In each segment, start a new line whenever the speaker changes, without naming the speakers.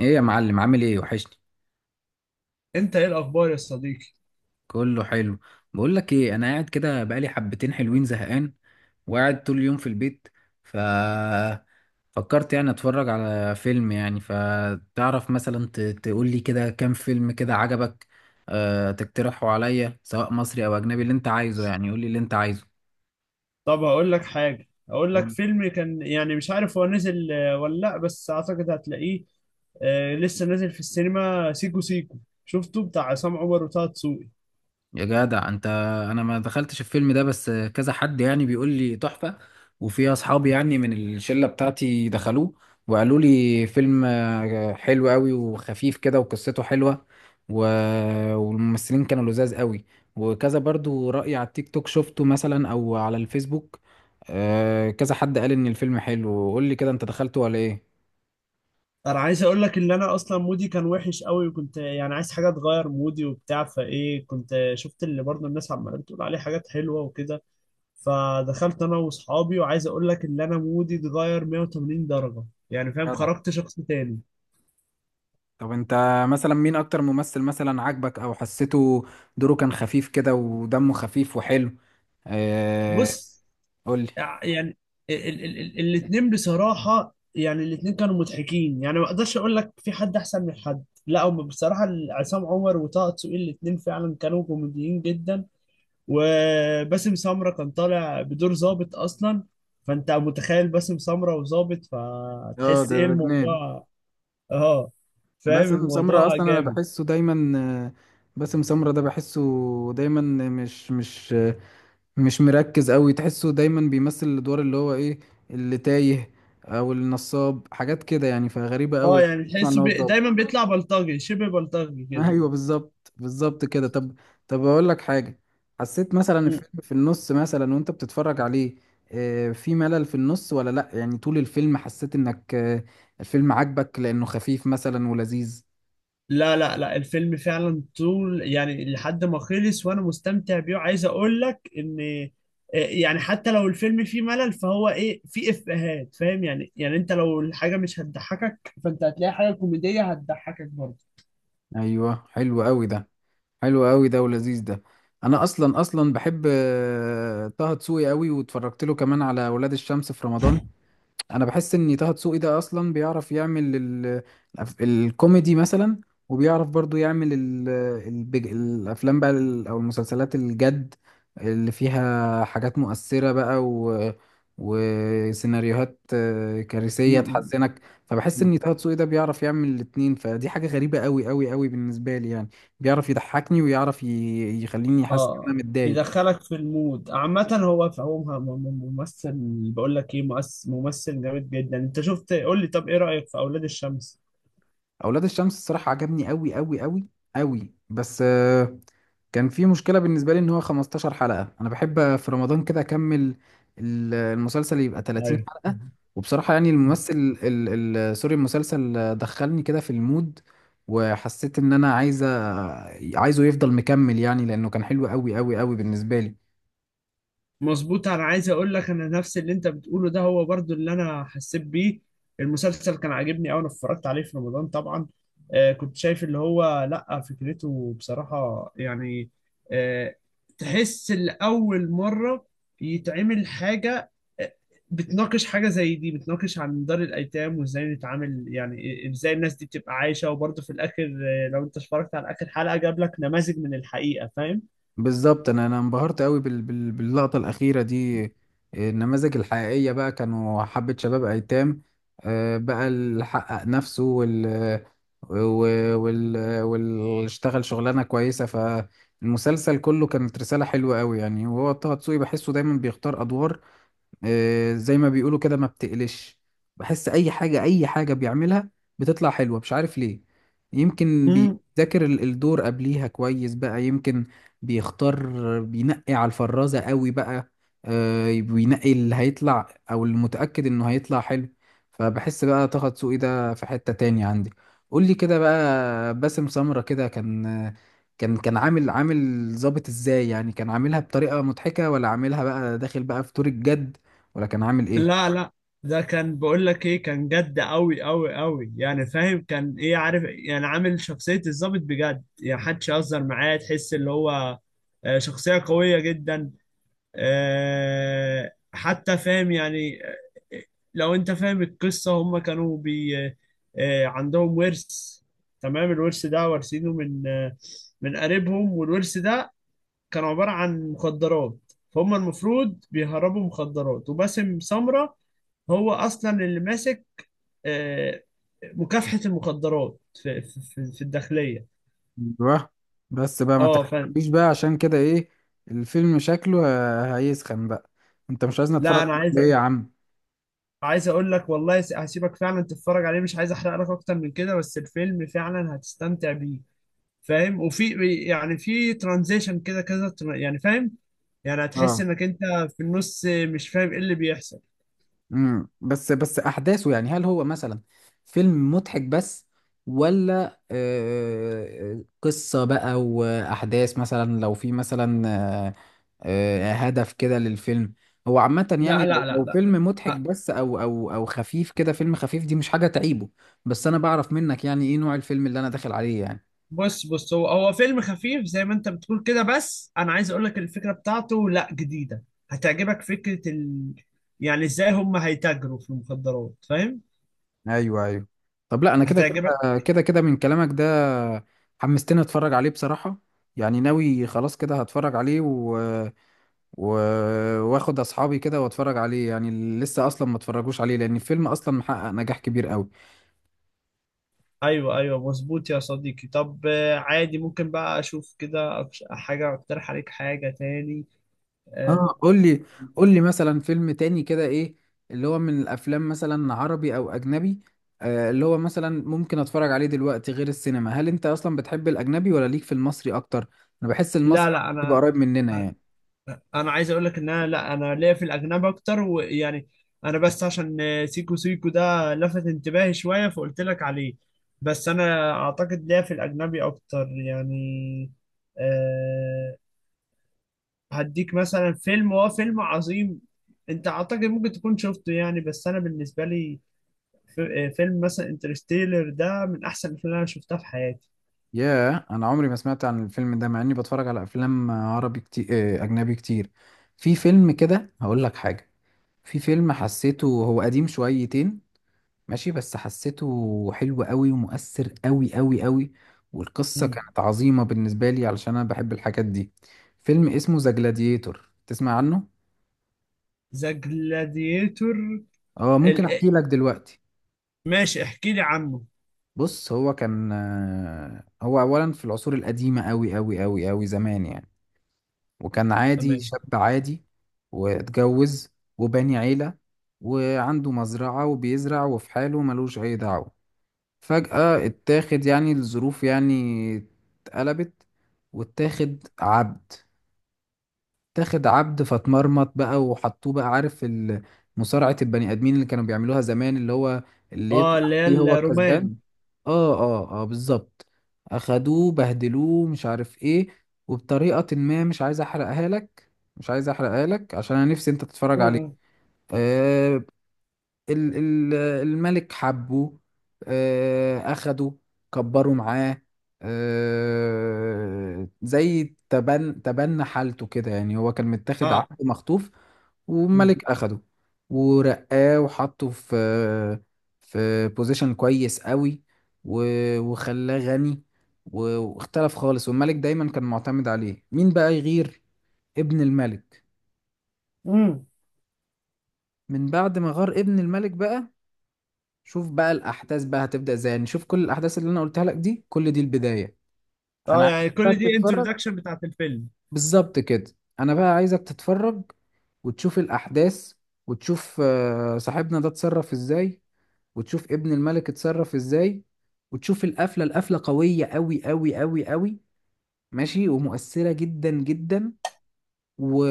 ايه يا معلم، عامل ايه؟ وحشني.
انت ايه الاخبار يا صديقي؟
كله حلو. بقول لك ايه، انا قاعد كده بقالي حبتين حلوين زهقان وقاعد طول اليوم في البيت. ف فكرت يعني اتفرج على فيلم. يعني فتعرف مثلا تقول لي كده كام فيلم كده عجبك، تقترحه عليا، سواء مصري او اجنبي، اللي انت عايزه. يعني قول لي اللي انت عايزه.
طب هقول لك حاجه، هقول لك فيلم كان، مش عارف هو نزل ولا لا، بس اعتقد هتلاقيه. لسه نازل في السينما، سيكو سيكو. شفته بتاع عصام عمر وطه دسوقي.
يا جدع انت، انا ما دخلتش الفيلم ده، بس كذا حد يعني بيقول لي تحفة. وفي اصحابي يعني من الشلة بتاعتي دخلوه وقالوا لي فيلم حلو قوي وخفيف كده وقصته حلوة و... والممثلين كانوا لذاذ قوي. وكذا برضو رأي على التيك توك شفته، مثلا او على الفيسبوك، كذا حد قال ان الفيلم حلو. قول لي كده، انت دخلته ولا ايه؟
انا عايز اقول لك ان انا اصلا مودي كان وحش قوي، وكنت يعني عايز حاجه تغير مودي وبتاع، فايه كنت شفت اللي برضه الناس عماله بتقول عليه حاجات حلوه وكده. فدخلت انا واصحابي، وعايز اقول لك ان انا مودي اتغير 180 درجه. يعني فاهم،
جدع.
خرجت شخص تاني.
طب انت مثلا مين اكتر ممثل مثلا عاجبك او حسيته دوره كان خفيف كده ودمه خفيف وحلو؟ آه،
بص،
قول لي.
يعني الاثنين بصراحة، يعني الاثنين كانوا مضحكين، يعني ما اقدرش اقول لك في حد احسن من حد، لا هم بصراحة عصام عمر وطه دسوقي الاثنين فعلا كانوا كوميديين جدا. وباسم سمرة كان طالع بدور ظابط اصلا، فانت متخيل باسم سمرة وظابط،
اه،
فتحس
ده
ايه
ده جنان.
الموضوع؟ اه، فاهم
باسم سمرة
الموضوع
اصلا انا
جامد.
بحسه دايما، آه، باسم سمرة ده بحسه دايما، مش مركز قوي، تحسه دايما بيمثل الادوار اللي هو ايه، اللي تايه او النصاب، حاجات كده يعني، فغريبة
اه،
قوي.
يعني
اسمع
تحس
ان هو اتظبط.
دايما بيطلع بلطجي، شبه بلطجي كده.
ايوه، بالظبط بالظبط كده. طب، طب اقول لك حاجه. حسيت مثلا الفيلم في النص مثلا وانت بتتفرج عليه في ملل في النص ولا لا؟ يعني طول الفيلم حسيت انك الفيلم عجبك لانه خفيف مثلا ولذيذ؟
لا لا لا، الفيلم فعلا طول يعني لحد ما خلص وانا مستمتع بيه. عايز اقول لك ان يعني حتى لو الفيلم فيه ملل، فهو ايه، فيه افيهات، فاهم يعني؟ يعني انت لو الحاجه مش هتضحكك، فانت هتلاقي حاجه كوميديه هتضحكك برضه.
ايوه، حلو قوي ده، حلو قوي ده ولذيذ ده. انا اصلا اصلا بحب طه دسوقي قوي، واتفرجت له كمان على ولاد الشمس في رمضان. انا بحس ان طه دسوقي ده اصلا بيعرف يعمل الكوميدي مثلا، وبيعرف برضو يعمل الافلام بقى او المسلسلات الجد اللي فيها حاجات مؤثرة بقى وسيناريوهات
م-
كارثية
م-
تحزنك. فبحس
م.
ان طه دسوقي ده بيعرف يعمل الاتنين، فدي حاجة غريبة قوي قوي قوي بالنسبة لي يعني. بيعرف يضحكني ويعرف يخليني حاسس ان انا
اه،
متضايق.
يدخلك في المود عامه. هو فهو ممثل، بقول لك ايه، ممثل جامد جدا. انت شفت، قول لي طب، ايه رايك في اولاد الشمس؟
اولاد الشمس الصراحة عجبني قوي قوي قوي قوي، بس كان في مشكلة بالنسبة لي ان هو 15 حلقة. انا بحب في رمضان كده اكمل المسلسل، يبقى 30
ايوه
حلقة. وبصراحة يعني الممثل سوري المسلسل دخلني كده في المود، وحسيت ان انا عايزه يفضل مكمل، يعني لانه كان حلو قوي قوي قوي بالنسبة لي.
مظبوط، انا عايز اقول لك انا نفس اللي انت بتقوله ده هو برضو اللي انا حسيت بيه. المسلسل كان عاجبني أوي، انا اتفرجت عليه في رمضان طبعا. آه، كنت شايف اللي هو، لا فكرته بصراحة يعني آه، تحس لأول مرة يتعمل حاجة آه، بتناقش حاجة زي دي، بتناقش عن دار الأيتام وإزاي نتعامل، يعني إزاي الناس دي بتبقى عايشة، وبرضه في الآخر لو أنت اتفرجت على آخر حلقة جاب لك نماذج من الحقيقة، فاهم؟
بالظبط، انا انبهرت قوي باللقطه الاخيره دي. النماذج الحقيقيه بقى كانوا حبه شباب ايتام، بقى اللي حقق نفسه و- وال واللي اشتغل شغلانه كويسه، فالمسلسل كله كانت رساله حلوه قوي يعني. وهو طه دسوقي بحسه دايما بيختار ادوار، زي ما بيقولوا كده ما بتقلش. بحس اي حاجة، اي حاجة بيعملها بتطلع حلوة، مش عارف ليه. يمكن بيذاكر الدور قبليها كويس بقى، يمكن بيختار، بينقي على الفرازة قوي بقى. بينقي اللي هيطلع او المتأكد انه هيطلع حلو. فبحس بقى طه دسوقي ده في حتة تاني عندي. قول لي كده بقى، باسم سمرة كده كان، كان عامل، عامل ظابط ازاي يعني؟ كان عاملها بطريقة مضحكة ولا عاملها بقى داخل بقى في دور الجد، ولا كان عامل ايه؟
لا لا، ده كان، بقول لك ايه، كان جد قوي قوي قوي، يعني فاهم، كان ايه، عارف يعني، عامل شخصية الضابط بجد، يعني محدش يهزر معاه، تحس اللي هو شخصية قوية جدا. حتى فاهم يعني، لو انت فاهم القصة، هم كانوا بي آه، عندهم ورث، تمام؟ الورث ده وارثينه من من قريبهم، والورث ده كان عبارة عن مخدرات. فهم المفروض بيهربوا مخدرات، وباسم سمرة هو اصلا اللي ماسك آه، مكافحة المخدرات في الداخلية.
ايوه، بس بقى ما
اه، ف
تحكيش بقى، عشان كده ايه الفيلم شكله هيسخن بقى. انت مش عايزني
لا
اتفرج
انا عايز،
عليه يا عم؟
عايز اقول لك والله، هسيبك فعلا تتفرج عليه، مش عايز احرق لك اكتر من كده، بس الفيلم فعلا هتستمتع بيه، فاهم؟ وفي يعني في ترانزيشن كده، يعني فاهم، يعني هتحس
اه.
انك انت في النص مش فاهم ايه اللي بيحصل.
امم، بس بس احداثه يعني، هل هو مثلا فيلم مضحك بس، ولا قصة بقى واحداث؟ مثلا لو في مثلا هدف كده للفيلم. هو عامة
لا
يعني
لا
لو،
لا لا،
فيلم مضحك بس او خفيف كده، فيلم خفيف دي مش حاجة تعيبه، بس انا بعرف منك يعني ايه نوع الفيلم اللي انا داخل عليه يعني.
بص بص، هو هو فيلم خفيف زي ما انت بتقول كده، بس انا عايز اقول لك الفكره بتاعته لا جديده، هتعجبك فكره يعني ازاي هم هيتاجروا في المخدرات، فاهم؟
ايوه، ايوه. طب لا، انا كده
هتعجبك.
كده كده كده من كلامك ده حمستني اتفرج عليه بصراحة. يعني ناوي خلاص كده هتفرج عليه، واخد اصحابي كده واتفرج عليه، يعني اللي لسه اصلا ما اتفرجوش عليه، لان الفيلم اصلا محقق نجاح كبير قوي.
ايوه ايوه مظبوط يا صديقي. طب عادي، ممكن بقى اشوف كده، حاجه اقترح عليك حاجه تاني؟ آه،
اه، قول لي. قول لي مثلا فيلم تاني كده، ايه اللي هو من الافلام مثلا عربي او اجنبي، آه، اللي هو مثلا ممكن اتفرج عليه دلوقتي غير السينما؟ هل انت اصلا بتحب الاجنبي ولا ليك في المصري اكتر؟ انا بحس
لا
المصري
لا،
بيبقى
انا
قريب مننا يعني.
انا عايز اقول لك ان انا، لا انا ليا في الاجنبي اكتر، ويعني انا بس عشان سيكو سيكو ده لفت انتباهي شويه فقلت لك عليه، بس انا اعتقد ليا في الاجنبي اكتر يعني. أه، هديك مثلا فيلم، هو فيلم عظيم، انت اعتقد ممكن تكون شفته يعني، بس انا بالنسبه لي، فيلم مثلا انترستيلر ده من احسن الافلام اللي انا شفتها في حياتي.
ياه، انا عمري ما سمعت عن الفيلم ده، مع اني بتفرج على افلام عربي كتير، اجنبي كتير. في فيلم كده هقول لك حاجة، في فيلم حسيته هو قديم شويتين ماشي، بس حسيته حلو قوي ومؤثر قوي قوي قوي، والقصة كانت عظيمة بالنسبة لي علشان أنا بحب الحاجات دي. فيلم اسمه ذا جلاديتور، تسمع عنه؟
ذا جلاديتور؟
اه، ممكن أحكي لك دلوقتي.
ماشي، احكي لي عنه.
بص، هو كان هو أولا في العصور القديمة قوي قوي قوي قوي، زمان يعني. وكان عادي،
تمام.
شاب عادي واتجوز وبني عيلة، وعنده مزرعة وبيزرع وفي حاله، ملوش أي دعوة. فجأة اتاخد يعني، الظروف يعني اتقلبت واتاخد عبد. اتاخد عبد، فاتمرمط بقى، وحطوه بقى، عارف، مصارعة البني آدمين اللي كانوا بيعملوها زمان، اللي هو اللي
اه،
يطلع
اللي هي
فيه هو الكسبان.
الرومان.
اه بالظبط. اخدوه بهدلوه مش عارف ايه، وبطريقة ما، مش عايز احرقها لك، مش عايز احرقها لك عشان انا نفسي انت تتفرج عليه.
امم
آه، ال- ال- الملك حبه، أخده، كبره معاه، زي تبنى حالته كده يعني، هو كان متاخد
اه.
عبد مخطوف،
م.
والملك أخده ورقاه وحطه في في بوزيشن كويس قوي، وخلاه غني، واختلف خالص، والملك دايما كان معتمد عليه. مين بقى يغير؟ ابن الملك.
امم
من بعد ما غار ابن الملك بقى، شوف بقى الاحداث بقى هتبدا ازاي. يعني شوف كل الاحداث اللي انا قلتها لك دي، كل دي البدايه. انا
اه، يعني
عايزك بقى
كل دي
تتفرج.
انترودكشن بتاعت الفيلم؟
بالظبط كده، انا بقى عايزك تتفرج وتشوف الاحداث، وتشوف صاحبنا ده اتصرف ازاي، وتشوف ابن الملك اتصرف ازاي، وتشوف القفله. القفله قويه قوي قوي قوي قوي ماشي، ومؤثره جدا جدا، و...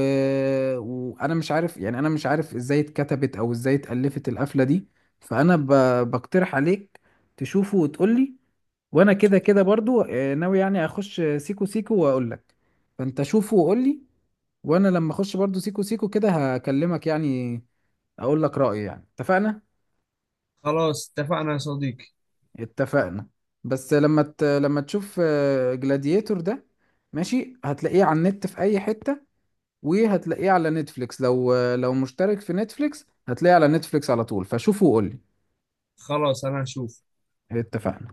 وانا مش عارف يعني، انا مش عارف ازاي اتكتبت او ازاي اتالفت القفله دي. فانا ب... بقترح عليك تشوفه وتقولي. وانا كده كده برضو ناوي يعني اخش سيكو سيكو واقول لك. فانت شوفه وقول لي، وانا لما اخش برضو سيكو سيكو كده هكلمك يعني، اقول لك رأيي يعني. اتفقنا؟
خلاص اتفقنا يا صديقي.
اتفقنا. بس لما لما تشوف جلاديتور ده ماشي، هتلاقيه على النت في اي حتة، وهتلاقيه على نتفليكس، لو لو مشترك في نتفليكس هتلاقيه على نتفليكس على طول. فشوفه وقول لي.
خلاص، انا هشوف.
اتفقنا.